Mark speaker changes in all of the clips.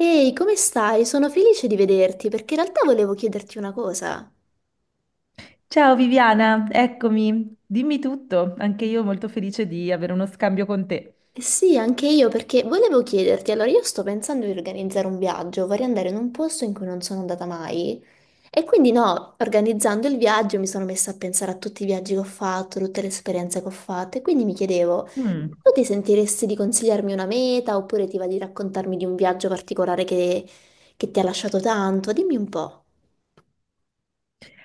Speaker 1: Ehi, come stai? Sono felice di vederti perché in realtà volevo chiederti una cosa.
Speaker 2: Ciao Viviana, eccomi, dimmi tutto, anche io molto felice di avere uno scambio con te.
Speaker 1: Eh sì, anche io perché volevo chiederti, allora io sto pensando di organizzare un viaggio, vorrei andare in un posto in cui non sono andata mai e quindi no, organizzando il viaggio mi sono messa a pensare a tutti i viaggi che ho fatto, tutte le esperienze che ho fatto e quindi mi chiedevo,
Speaker 2: Mm.
Speaker 1: tu ti sentiresti di consigliarmi una meta oppure ti va di raccontarmi di un viaggio particolare che ti ha lasciato tanto? Dimmi un po'.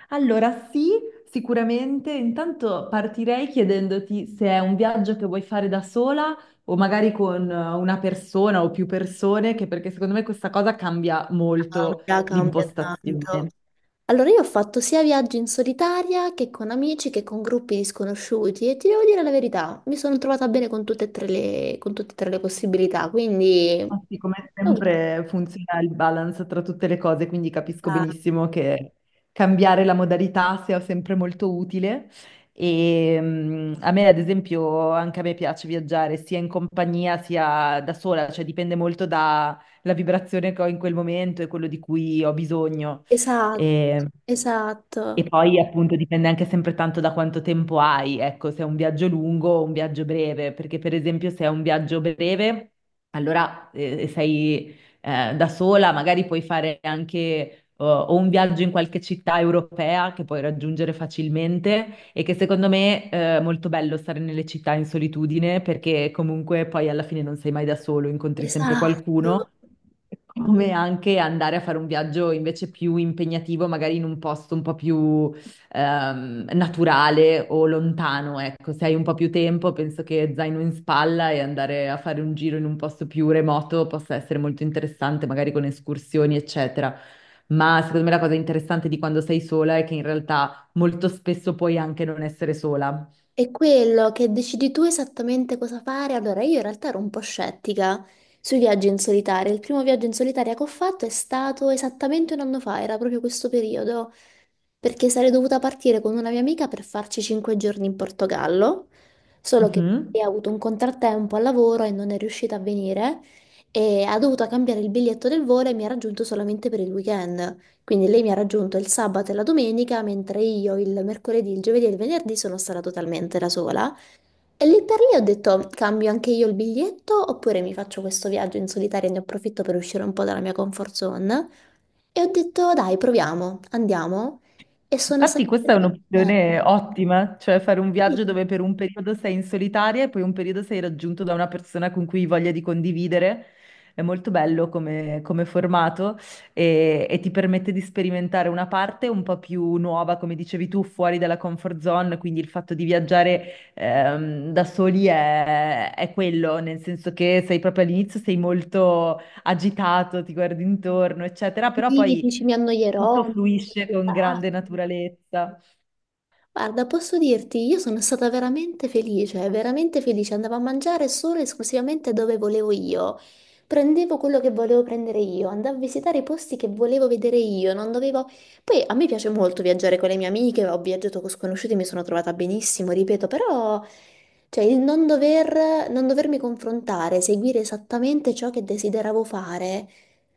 Speaker 2: Allora, sì, sicuramente. Intanto partirei chiedendoti se è un viaggio che vuoi fare da sola o magari con una persona o più persone, che perché secondo me questa cosa cambia molto
Speaker 1: Cambia, cambia tanto.
Speaker 2: l'impostazione.
Speaker 1: Allora, io ho fatto sia viaggi in solitaria che con amici che con gruppi di sconosciuti e ti devo dire la verità, mi sono trovata bene con tutte e tre le, con tutte e tre le possibilità, quindi...
Speaker 2: Ah, sì, come sempre funziona il balance tra tutte le cose, quindi capisco benissimo che cambiare la modalità sia sempre molto utile. E a me, ad esempio, anche a me piace viaggiare sia in compagnia sia da sola, cioè dipende molto dalla vibrazione che ho in quel momento e quello di cui ho bisogno.
Speaker 1: Esatto,
Speaker 2: E, e
Speaker 1: esatto,
Speaker 2: poi appunto dipende anche sempre tanto da quanto tempo hai, ecco, se è un viaggio lungo o un viaggio breve, perché per esempio se è un viaggio breve. Allora, sei da sola, magari puoi fare anche o un viaggio in qualche città europea che puoi raggiungere facilmente e che secondo me è molto bello stare nelle città in solitudine perché comunque poi alla fine non sei mai da solo, incontri sempre
Speaker 1: esatto.
Speaker 2: qualcuno come anche andare a fare un viaggio invece più impegnativo, magari in un posto un po' più naturale o lontano, ecco, se hai un po' più tempo, penso che zaino in spalla e andare a fare un giro in un posto più remoto possa essere molto interessante, magari con escursioni, eccetera. Ma secondo me la cosa interessante di quando sei sola è che in realtà molto spesso puoi anche non essere sola.
Speaker 1: È quello che decidi tu esattamente cosa fare. Allora, io in realtà ero un po' scettica sui viaggi in solitaria. Il primo viaggio in solitaria che ho fatto è stato esattamente un anno fa, era proprio questo periodo, perché sarei dovuta partire con una mia amica per farci 5 giorni in Portogallo, solo che lei
Speaker 2: Mhm.
Speaker 1: ha avuto un contrattempo al lavoro e non è riuscita a venire e ha dovuto cambiare il biglietto del volo e mi ha raggiunto solamente per il weekend. Quindi lei mi ha raggiunto il sabato e la domenica, mentre io il mercoledì, il giovedì e il venerdì sono stata totalmente da sola. E lì per lì ho detto, cambio anche io il biglietto oppure mi faccio questo viaggio in solitaria e ne approfitto per uscire un po' dalla mia comfort zone. E ho detto, dai, proviamo, andiamo. E sono stata...
Speaker 2: Infatti questa è
Speaker 1: Beh,
Speaker 2: un'opzione ottima, cioè fare un
Speaker 1: sì,
Speaker 2: viaggio dove per un periodo sei in solitaria e poi un periodo sei raggiunto da una persona con cui hai voglia di condividere. È molto bello come, come formato e ti permette di sperimentare una parte un po' più nuova, come dicevi tu, fuori dalla comfort zone, quindi il fatto di viaggiare da soli è quello, nel senso che sei proprio all'inizio, sei molto agitato, ti guardi intorno, eccetera, però
Speaker 1: sì,
Speaker 2: poi...
Speaker 1: dici, mi annoierò,
Speaker 2: Tutto
Speaker 1: mi sento
Speaker 2: fluisce
Speaker 1: di
Speaker 2: con grande
Speaker 1: farlo.
Speaker 2: naturalezza.
Speaker 1: Guarda, posso dirti, io sono stata veramente felice, veramente felice. Andavo a mangiare solo e esclusivamente dove volevo io. Prendevo quello che volevo prendere io, andavo a visitare i posti che volevo vedere io, non dovevo... Poi a me piace molto viaggiare con le mie amiche, ho viaggiato con sconosciuti, mi sono trovata benissimo, ripeto, però... Cioè, il non dovermi confrontare, seguire esattamente ciò che desideravo fare,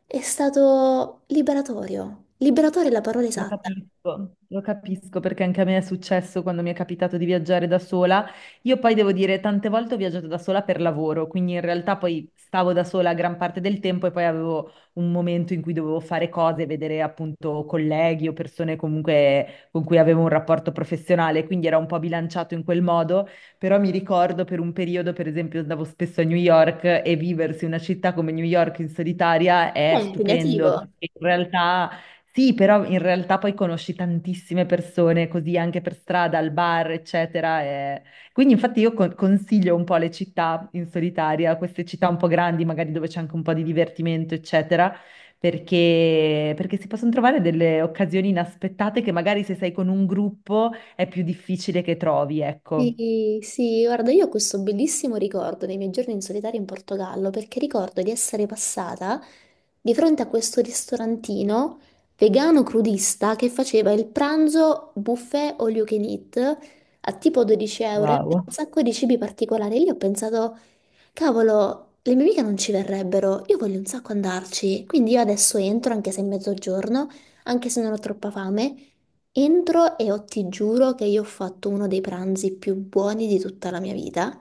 Speaker 1: è stato liberatorio. Liberatorio è la parola esatta.
Speaker 2: Lo capisco perché anche a me è successo quando mi è capitato di viaggiare da sola. Io poi devo dire, tante volte ho viaggiato da sola per lavoro, quindi in realtà poi stavo da sola gran parte del tempo e poi avevo un momento in cui dovevo fare cose, vedere appunto colleghi o persone comunque con cui avevo un rapporto professionale, quindi era un po' bilanciato in quel modo, però mi ricordo per un periodo, per esempio, andavo spesso a New York e viversi una città come New York in solitaria
Speaker 1: È
Speaker 2: è stupendo,
Speaker 1: impegnativo.
Speaker 2: perché in realtà sì, però in realtà poi conosci tantissime persone così anche per strada, al bar, eccetera. Quindi infatti io consiglio un po' le città in solitaria, queste città un po' grandi, magari dove c'è anche un po' di divertimento, eccetera, perché si possono trovare delle occasioni inaspettate che magari se sei con un gruppo è più difficile che trovi, ecco.
Speaker 1: Sì, sì, guarda, io ho questo bellissimo ricordo dei miei giorni in solitario in Portogallo perché ricordo di essere passata di fronte a questo ristorantino vegano crudista che faceva il pranzo buffet all you can eat a tipo 12 euro e aveva
Speaker 2: Wow.
Speaker 1: un sacco di cibi particolari. Lì ho pensato, cavolo, le mie amiche non ci verrebbero, io voglio un sacco andarci, quindi io adesso entro, anche se è mezzogiorno, anche se non ho troppa fame, entro e ti giuro che io ho fatto uno dei pranzi più buoni di tutta la mia vita.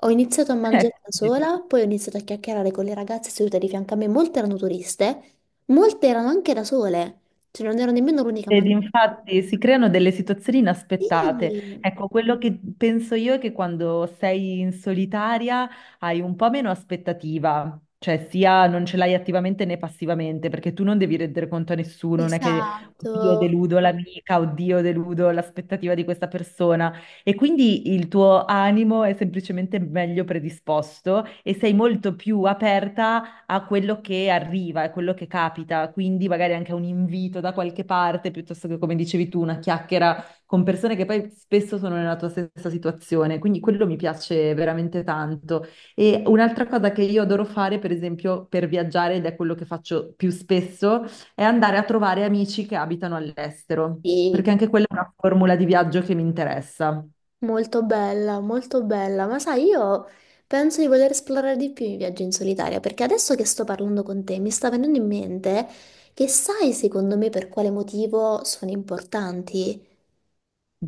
Speaker 1: Ho iniziato a mangiare da
Speaker 2: Ecco.
Speaker 1: sola, poi ho iniziato a chiacchierare con le ragazze sedute di fianco a me, molte erano turiste, molte erano anche da sole, cioè non ero nemmeno l'unica a
Speaker 2: Ed
Speaker 1: mangiare.
Speaker 2: infatti si creano delle situazioni
Speaker 1: Sì,
Speaker 2: inaspettate. Ecco, quello che penso io è che quando sei in solitaria hai un po' meno aspettativa, cioè sia non ce l'hai attivamente né passivamente, perché tu non devi rendere conto a nessuno, non è che oddio
Speaker 1: esatto.
Speaker 2: deludo l'amica, oddio deludo l'aspettativa di questa persona. E quindi il tuo animo è semplicemente meglio predisposto e sei molto più aperta a quello che arriva, a quello che capita, quindi magari anche a un invito da qualche parte, piuttosto che, come dicevi tu, una chiacchiera con persone che poi spesso sono nella tua stessa situazione. Quindi quello mi piace veramente tanto. E un'altra cosa che io adoro fare, per esempio, per viaggiare, ed è quello che faccio più spesso, è andare a trovare amici che abitano all'estero,
Speaker 1: Sì.
Speaker 2: perché anche quella è una formula di viaggio che mi interessa.
Speaker 1: Molto bella, ma sai, io penso di voler esplorare di più i viaggi in solitaria, perché adesso che sto parlando con te mi sta venendo in mente che sai secondo me per quale motivo sono importanti?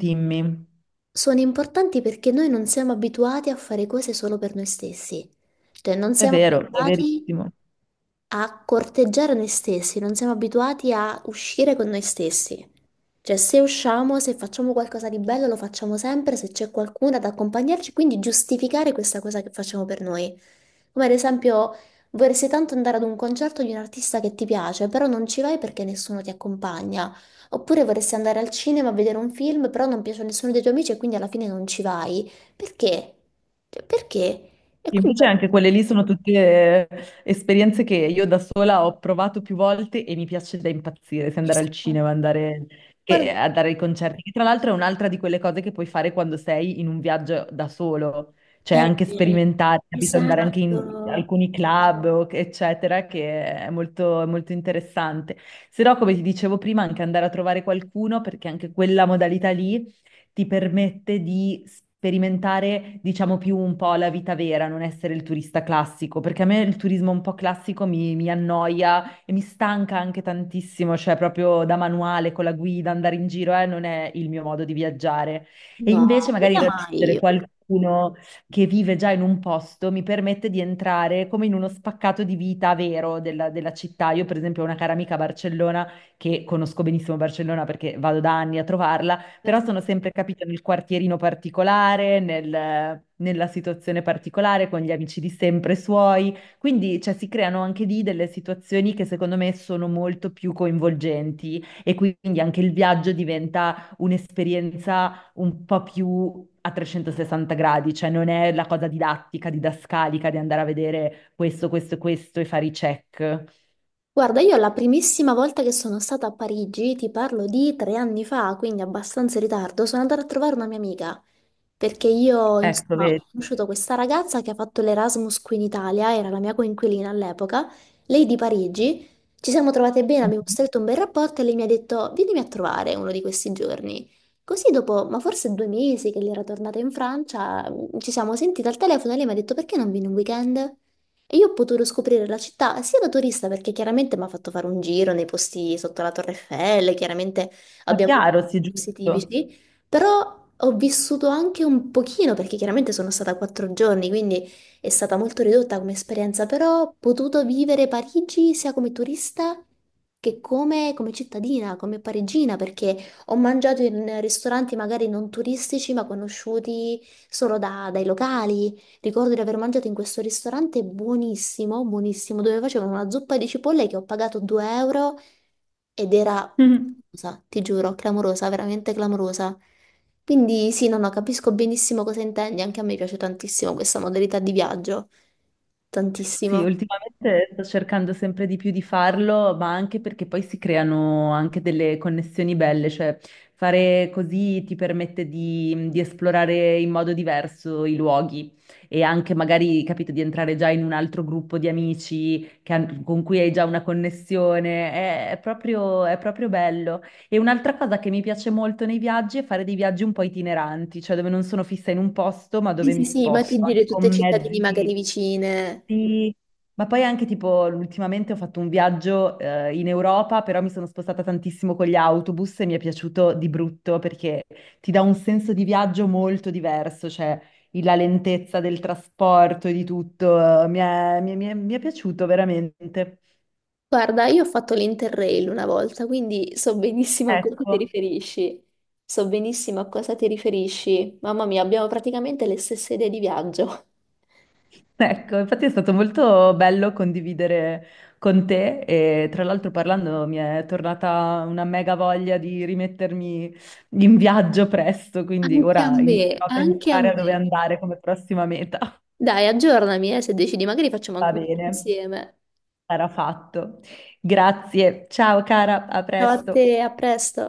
Speaker 2: Dimmi.
Speaker 1: Sono importanti perché noi non siamo abituati a fare cose solo per noi stessi, cioè non
Speaker 2: È
Speaker 1: siamo
Speaker 2: vero, è
Speaker 1: abituati
Speaker 2: verissimo.
Speaker 1: a corteggiare noi stessi, non siamo abituati a uscire con noi stessi. Cioè, se usciamo, se facciamo qualcosa di bello, lo facciamo sempre, se c'è qualcuno ad accompagnarci, quindi giustificare questa cosa che facciamo per noi. Come ad esempio, vorresti tanto andare ad un concerto di un artista che ti piace, però non ci vai perché nessuno ti accompagna. Oppure vorresti andare al cinema a vedere un film, però non piace a nessuno dei tuoi amici e quindi alla fine non ci vai. Perché? Cioè, perché? E quindi...
Speaker 2: Invece anche quelle lì sono tutte eh, esperienze che io da sola ho provato più volte e mi piace da impazzire, se andare al
Speaker 1: Esatto.
Speaker 2: cinema, andare,
Speaker 1: Guarda-
Speaker 2: andare ai concerti, che tra l'altro è un'altra di quelle cose che puoi fare quando sei in un viaggio da solo, cioè anche
Speaker 1: eh,
Speaker 2: sperimentare, capito? Andare anche in
Speaker 1: esatto.
Speaker 2: alcuni club, eccetera, che è molto interessante. Se no, come ti dicevo prima, anche andare a trovare qualcuno, perché anche quella modalità lì ti permette di sperimentare, diciamo, più un po' la vita vera, non essere il turista classico, perché a me il turismo un po' classico mi annoia e mi stanca anche tantissimo, cioè proprio da manuale, con la guida, andare in giro, non è il mio modo di viaggiare. E
Speaker 1: No,
Speaker 2: invece magari
Speaker 1: guida mai
Speaker 2: raggiungere
Speaker 1: io.
Speaker 2: qualcuno che vive già in un posto mi permette di entrare come in uno spaccato di vita vero della città. Io, per esempio, ho una cara amica a Barcellona che conosco benissimo Barcellona perché vado da anni a trovarla, però
Speaker 1: Vabbè.
Speaker 2: sono sempre capita nel quartierino particolare, nella situazione particolare, con gli amici di sempre suoi, quindi cioè, si creano anche lì delle situazioni che secondo me sono molto più coinvolgenti e quindi anche il viaggio diventa un'esperienza un po' più a 360 gradi, cioè non è la cosa didattica, didascalica di andare a vedere questo, questo e questo e fare i check.
Speaker 1: Guarda, io la primissima volta che sono stata a Parigi, ti parlo di 3 anni fa, quindi abbastanza in ritardo, sono andata a trovare una mia amica. Perché io,
Speaker 2: Ecco,
Speaker 1: insomma, ho
Speaker 2: vedi.
Speaker 1: conosciuto questa ragazza che ha fatto l'Erasmus qui in Italia, era la mia coinquilina all'epoca, lei di Parigi, ci siamo trovate bene, abbiamo
Speaker 2: Mhm.
Speaker 1: stretto un bel rapporto e lei mi ha detto, vienimi a trovare uno di questi giorni. Così dopo, ma forse 2 mesi che lei era tornata in Francia, ci siamo sentite al telefono e lei mi ha detto, perché non vieni un weekend? E io ho potuto scoprire la città sia da turista, perché chiaramente mi ha fatto fare un giro nei posti sotto la Torre Eiffel, chiaramente
Speaker 2: Ma
Speaker 1: abbiamo anche
Speaker 2: chiaro,
Speaker 1: dei
Speaker 2: sì,
Speaker 1: posti
Speaker 2: giusto.
Speaker 1: tipici, però ho vissuto anche un pochino, perché chiaramente sono stata 4 giorni, quindi è stata molto ridotta come esperienza, però ho potuto vivere Parigi sia come turista come cittadina, come parigina, perché ho mangiato in ristoranti magari non turistici, ma conosciuti solo dai locali. Ricordo di aver mangiato in questo ristorante buonissimo, buonissimo, dove facevano una zuppa di cipolle che ho pagato 2 euro ed era, clamorosa, ti giuro, clamorosa, veramente clamorosa. Quindi sì, no, no, capisco benissimo cosa intendi, anche a me piace tantissimo questa modalità di viaggio,
Speaker 2: Sì,
Speaker 1: tantissimo.
Speaker 2: ultimamente sto cercando sempre di più di farlo, ma anche perché poi si creano anche delle connessioni belle, cioè fare così ti permette di esplorare in modo diverso i luoghi e anche magari, capito, di entrare già in un altro gruppo di amici con cui hai già una connessione, è proprio bello. E un'altra cosa che mi piace molto nei viaggi è fare dei viaggi un po' itineranti, cioè dove non sono fissa in un posto, ma
Speaker 1: Sì,
Speaker 2: dove
Speaker 1: sì,
Speaker 2: mi
Speaker 1: sì, ma ti
Speaker 2: sposto, anche
Speaker 1: giri tutte
Speaker 2: con
Speaker 1: cittadine magari
Speaker 2: mezzi.
Speaker 1: vicine.
Speaker 2: Sì, ma poi anche tipo ultimamente ho fatto un viaggio in Europa, però mi sono spostata tantissimo con gli autobus e mi è piaciuto di brutto perché ti dà un senso di viaggio molto diverso, cioè la lentezza del trasporto e di tutto, mi è piaciuto veramente.
Speaker 1: Guarda, io ho fatto l'Interrail una volta, quindi so benissimo a cosa ti
Speaker 2: Ecco.
Speaker 1: riferisci. So benissimo a cosa ti riferisci. Mamma mia, abbiamo praticamente le stesse idee di viaggio.
Speaker 2: Ecco, infatti è stato molto bello condividere con te e tra l'altro parlando mi è tornata una mega voglia di rimettermi in viaggio presto, quindi
Speaker 1: Anche a
Speaker 2: ora
Speaker 1: me,
Speaker 2: inizierò a
Speaker 1: anche a
Speaker 2: pensare a dove
Speaker 1: me.
Speaker 2: andare come prossima meta.
Speaker 1: Dai, aggiornami, se decidi, magari facciamo
Speaker 2: Va
Speaker 1: anche un video
Speaker 2: bene,
Speaker 1: insieme.
Speaker 2: sarà fatto. Grazie, ciao cara, a
Speaker 1: Ciao a
Speaker 2: presto.
Speaker 1: te, a presto.